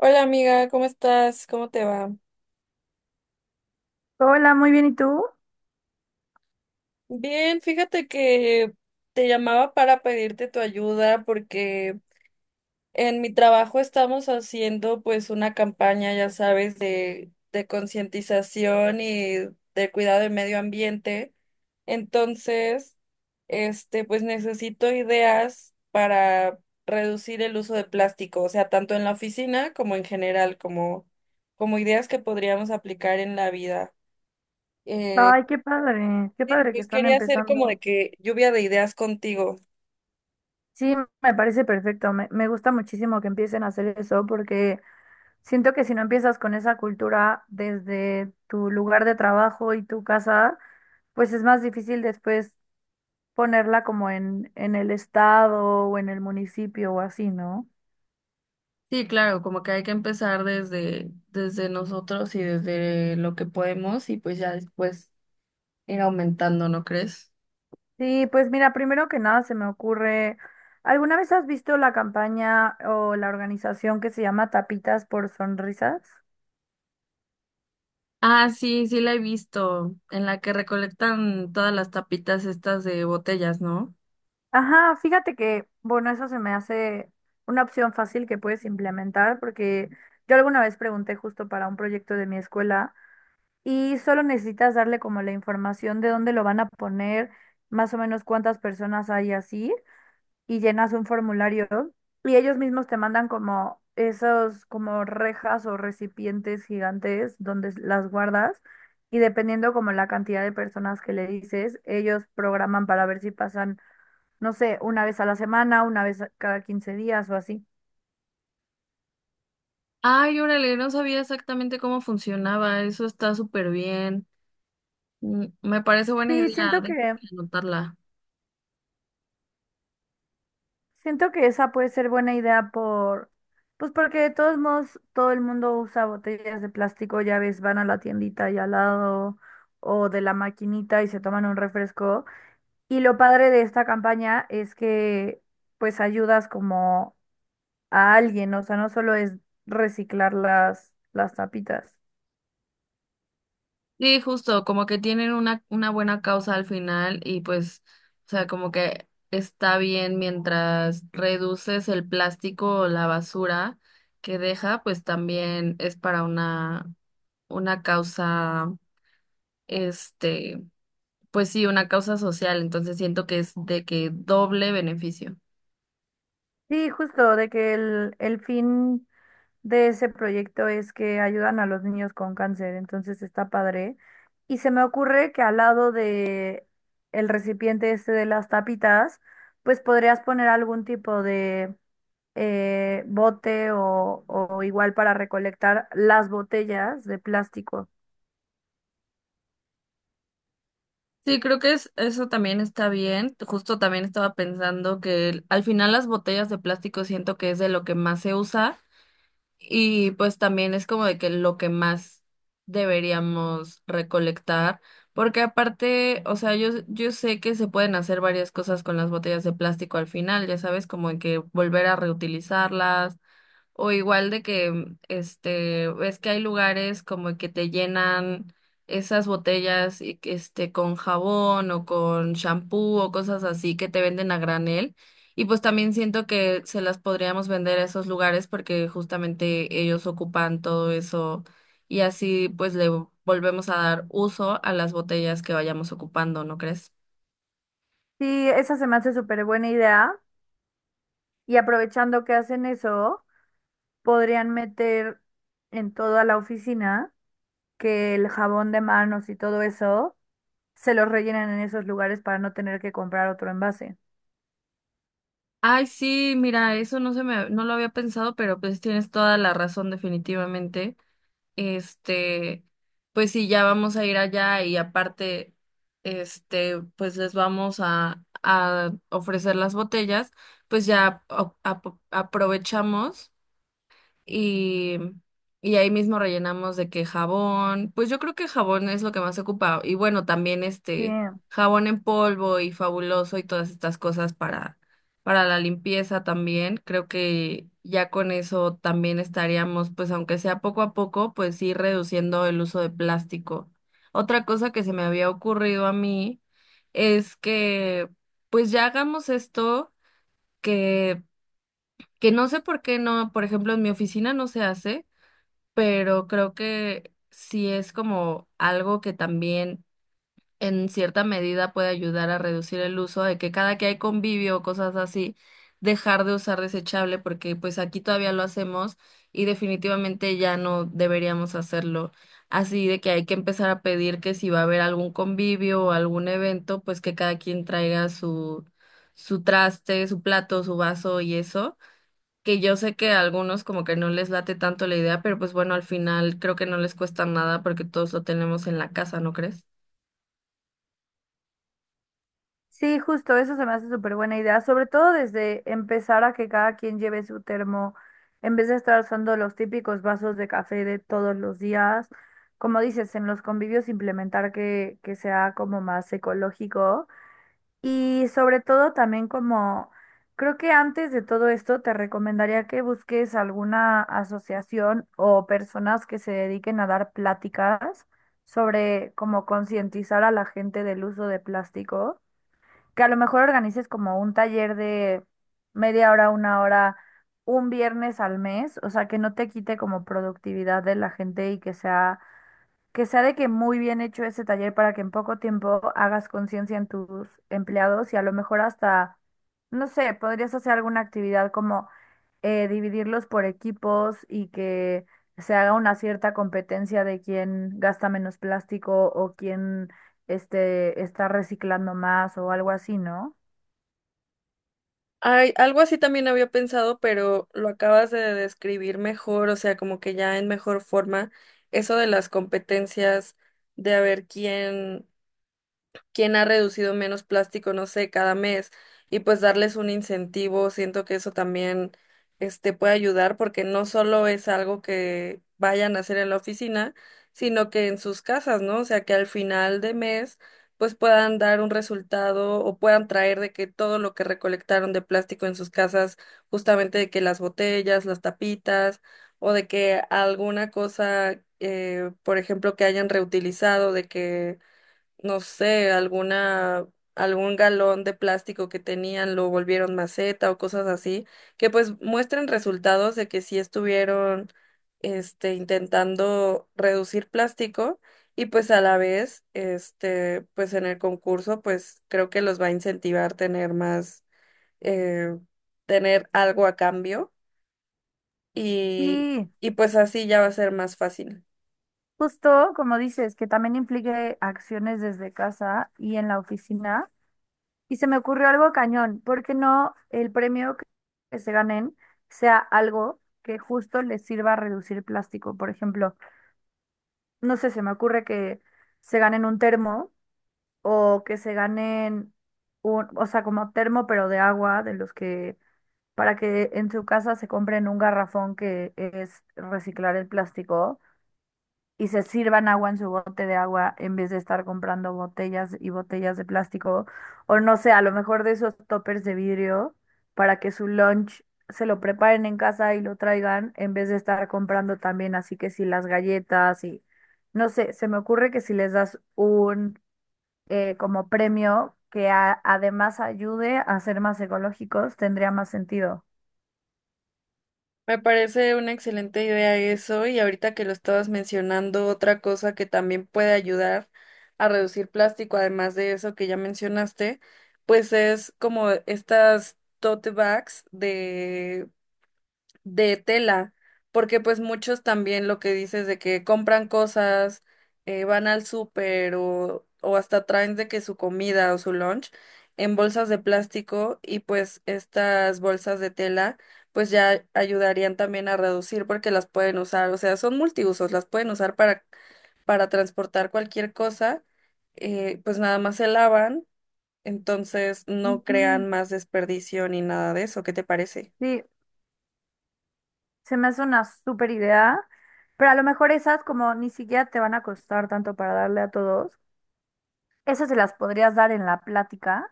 Hola amiga, ¿cómo estás? ¿Cómo te va? Hola, muy bien, ¿y tú? Bien, fíjate que te llamaba para pedirte tu ayuda porque en mi trabajo estamos haciendo pues una campaña, ya sabes, de concientización y de cuidado del medio ambiente. Entonces, pues necesito ideas para reducir el uso de plástico, o sea, tanto en la oficina como en general, como ideas que podríamos aplicar en la vida. Eh, Ay, qué Sí, padre que pues están quería hacer como de empezando. que lluvia de ideas contigo. Sí, me parece perfecto, me gusta muchísimo que empiecen a hacer eso porque siento que si no empiezas con esa cultura desde tu lugar de trabajo y tu casa, pues es más difícil después ponerla como en el estado o en el municipio o así, ¿no? Sí, claro, como que hay que empezar desde nosotros y desde lo que podemos, y pues ya después ir aumentando, ¿no crees? Sí, pues mira, primero que nada se me ocurre, ¿alguna vez has visto la campaña o la organización que se llama Tapitas por Sonrisas? Ah, sí, sí la he visto, en la que recolectan todas las tapitas estas de botellas, ¿no? Ajá, fíjate que, bueno, eso se me hace una opción fácil que puedes implementar porque yo alguna vez pregunté justo para un proyecto de mi escuela y solo necesitas darle como la información de dónde lo van a poner, más o menos cuántas personas hay así, y llenas un formulario y ellos mismos te mandan como esos como rejas o recipientes gigantes donde las guardas, y dependiendo como la cantidad de personas que le dices, ellos programan para ver si pasan no sé, una vez a la semana, cada 15 días o así. Ay, órale, no sabía exactamente cómo funcionaba, eso está súper bien. Mm, me parece buena Sí, idea de anotarla. siento que esa puede ser buena idea por, pues porque de todos modos todo el mundo usa botellas de plástico, ya ves, van a la tiendita y al lado o de la maquinita y se toman un refresco. Y lo padre de esta campaña es que pues ayudas como a alguien, o sea, no solo es reciclar las tapitas. Sí, justo, como que tienen una buena causa al final y pues, o sea, como que está bien mientras reduces el plástico o la basura que deja, pues también es para una causa, este, pues sí, una causa social, entonces siento que es de que doble beneficio. Sí, justo, de que el fin de ese proyecto es que ayudan a los niños con cáncer, entonces está padre. Y se me ocurre que al lado de el recipiente este de las tapitas, pues podrías poner algún tipo de bote o igual para recolectar las botellas de plástico. Sí, creo que es, eso también está bien. Justo también estaba pensando que al final las botellas de plástico siento que es de lo que más se usa. Y pues también es como de que lo que más deberíamos recolectar, porque aparte, o sea, yo sé que se pueden hacer varias cosas con las botellas de plástico al final, ya sabes, como de que volver a reutilizarlas o igual de que, ves que hay lugares como que te llenan esas botellas y que, con jabón o con shampoo o cosas así que te venden a granel. Y pues también siento que se las podríamos vender a esos lugares porque justamente ellos ocupan todo eso y así pues le volvemos a dar uso a las botellas que vayamos ocupando, ¿no crees? Sí, esa se me hace súper buena idea. Y aprovechando que hacen eso, podrían meter en toda la oficina que el jabón de manos y todo eso se los rellenan en esos lugares para no tener que comprar otro envase. Ay, sí, mira, eso no se me, no lo había pensado, pero pues tienes toda la razón definitivamente. Este, pues sí, ya vamos a ir allá y aparte, pues les vamos a ofrecer las botellas, pues ya aprovechamos y, y ahí mismo rellenamos de que jabón, pues yo creo que jabón es lo que más se ocupa y bueno, también Sí. Jabón en polvo y fabuloso y todas estas cosas para la limpieza también, creo que ya con eso también estaríamos, pues aunque sea poco a poco, pues ir reduciendo el uso de plástico. Otra cosa que se me había ocurrido a mí es que pues ya hagamos esto que que no sé por qué no, por ejemplo, en mi oficina no se hace, pero creo que sí es como algo que también en cierta medida puede ayudar a reducir el uso de que cada que hay convivio o cosas así, dejar de usar desechable, porque pues aquí todavía lo hacemos y definitivamente ya no deberíamos hacerlo. Así de que hay que empezar a pedir que si va a haber algún convivio o algún evento, pues que cada quien traiga su traste, su plato, su vaso, y eso que yo sé que a algunos como que no les late tanto la idea, pero pues bueno, al final creo que no les cuesta nada porque todos lo tenemos en la casa, ¿no crees? Sí, justo, eso se me hace súper buena idea, sobre todo desde empezar a que cada quien lleve su termo, en vez de estar usando los típicos vasos de café de todos los días, como dices, en los convivios implementar que sea como más ecológico. Y sobre todo también como, creo que antes de todo esto te recomendaría que busques alguna asociación o personas que se dediquen a dar pláticas sobre cómo concientizar a la gente del uso de plástico, que a lo mejor organices como un taller de 1/2 hora, 1 hora, un viernes al mes, o sea, que no te quite como productividad de la gente y que sea de que muy bien hecho ese taller para que en poco tiempo hagas conciencia en tus empleados y a lo mejor hasta, no sé, podrías hacer alguna actividad como dividirlos por equipos y que se haga una cierta competencia de quién gasta menos plástico o quién está reciclando más o algo así, ¿no? Ay, algo así también había pensado, pero lo acabas de describir mejor, o sea, como que ya en mejor forma, eso de las competencias, de a ver quién ha reducido menos plástico, no sé, cada mes, y pues darles un incentivo, siento que eso también puede ayudar porque no solo es algo que vayan a hacer en la oficina, sino que en sus casas, ¿no? O sea, que al final de mes pues puedan dar un resultado o puedan traer de que todo lo que recolectaron de plástico en sus casas, justamente de que las botellas, las tapitas o de que alguna cosa, por ejemplo, que hayan reutilizado, de que no sé, algún galón de plástico que tenían lo volvieron maceta o cosas así, que pues muestren resultados de que sí estuvieron, intentando reducir plástico y pues a la vez, pues en el concurso, pues creo que los va a incentivar tener más, eh, tener algo a cambio y, Sí, y pues así ya va a ser más fácil. justo como dices, que también implique acciones desde casa y en la oficina. Y se me ocurrió algo cañón, ¿por qué no el premio que se ganen sea algo que justo les sirva a reducir plástico? Por ejemplo, no sé, se me ocurre que se ganen un termo o que se ganen un, o sea, como termo pero de agua, de los que, para que en su casa se compren un garrafón que es reciclar el plástico y se sirvan agua en su bote de agua en vez de estar comprando botellas y botellas de plástico, o no sé, a lo mejor de esos toppers de vidrio para que su lunch se lo preparen en casa y lo traigan en vez de estar comprando también, así que si las galletas y no sé, se me ocurre que si les das un como premio que además ayude a ser más ecológicos, tendría más sentido. Me parece una excelente idea eso, y ahorita que lo estabas mencionando, otra cosa que también puede ayudar a reducir plástico, además de eso que ya mencionaste, pues es como estas tote bags de tela, porque pues muchos también lo que dices de que compran cosas, van al súper o hasta traen de que su comida o su lunch en bolsas de plástico, y pues estas bolsas de tela pues ya ayudarían también a reducir porque las pueden usar, o sea, son multiusos, las pueden usar para transportar cualquier cosa, pues nada más se lavan, entonces no Ujú. crean más desperdicio ni nada de eso, ¿qué te parece? Sí, se me hace una súper idea, pero a lo mejor esas como ni siquiera te van a costar tanto para darle a todos. Esas se las podrías dar en la plática.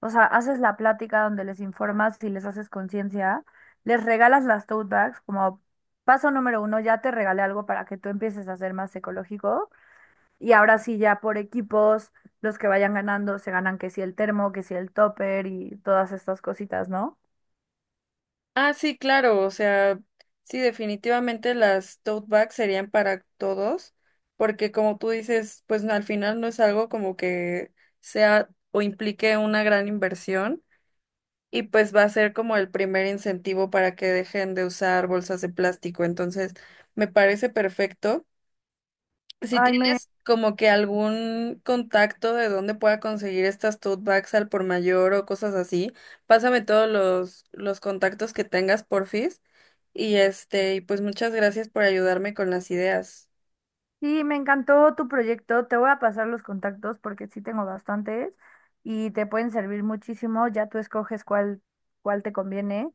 O sea, haces la plática donde les informas y les haces conciencia, les regalas las tote bags como paso número 1, ya te regalé algo para que tú empieces a ser más ecológico. Y ahora sí, ya por equipos, los que vayan ganando se ganan que si el termo, que si el topper y todas estas cositas, ¿no? Ah, sí, claro, o sea, sí, definitivamente las tote bags serían para todos, porque como tú dices, pues no, al final no es algo como que sea o implique una gran inversión, y pues va a ser como el primer incentivo para que dejen de usar bolsas de plástico, entonces me parece perfecto. Si Ay, me, tienes como que algún contacto de dónde pueda conseguir estas tote bags al por mayor o cosas así, pásame todos los contactos que tengas, porfis. Y este, y pues muchas gracias por ayudarme con las ideas. Sí, me encantó tu proyecto. Te voy a pasar los contactos porque sí tengo bastantes y te pueden servir muchísimo. Ya tú escoges cuál, cuál te conviene.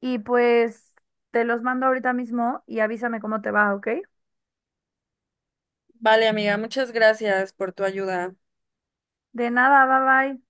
Y pues te los mando ahorita mismo y avísame cómo te va, ¿ok? Vale, amiga, muchas gracias por tu ayuda. De nada, bye bye.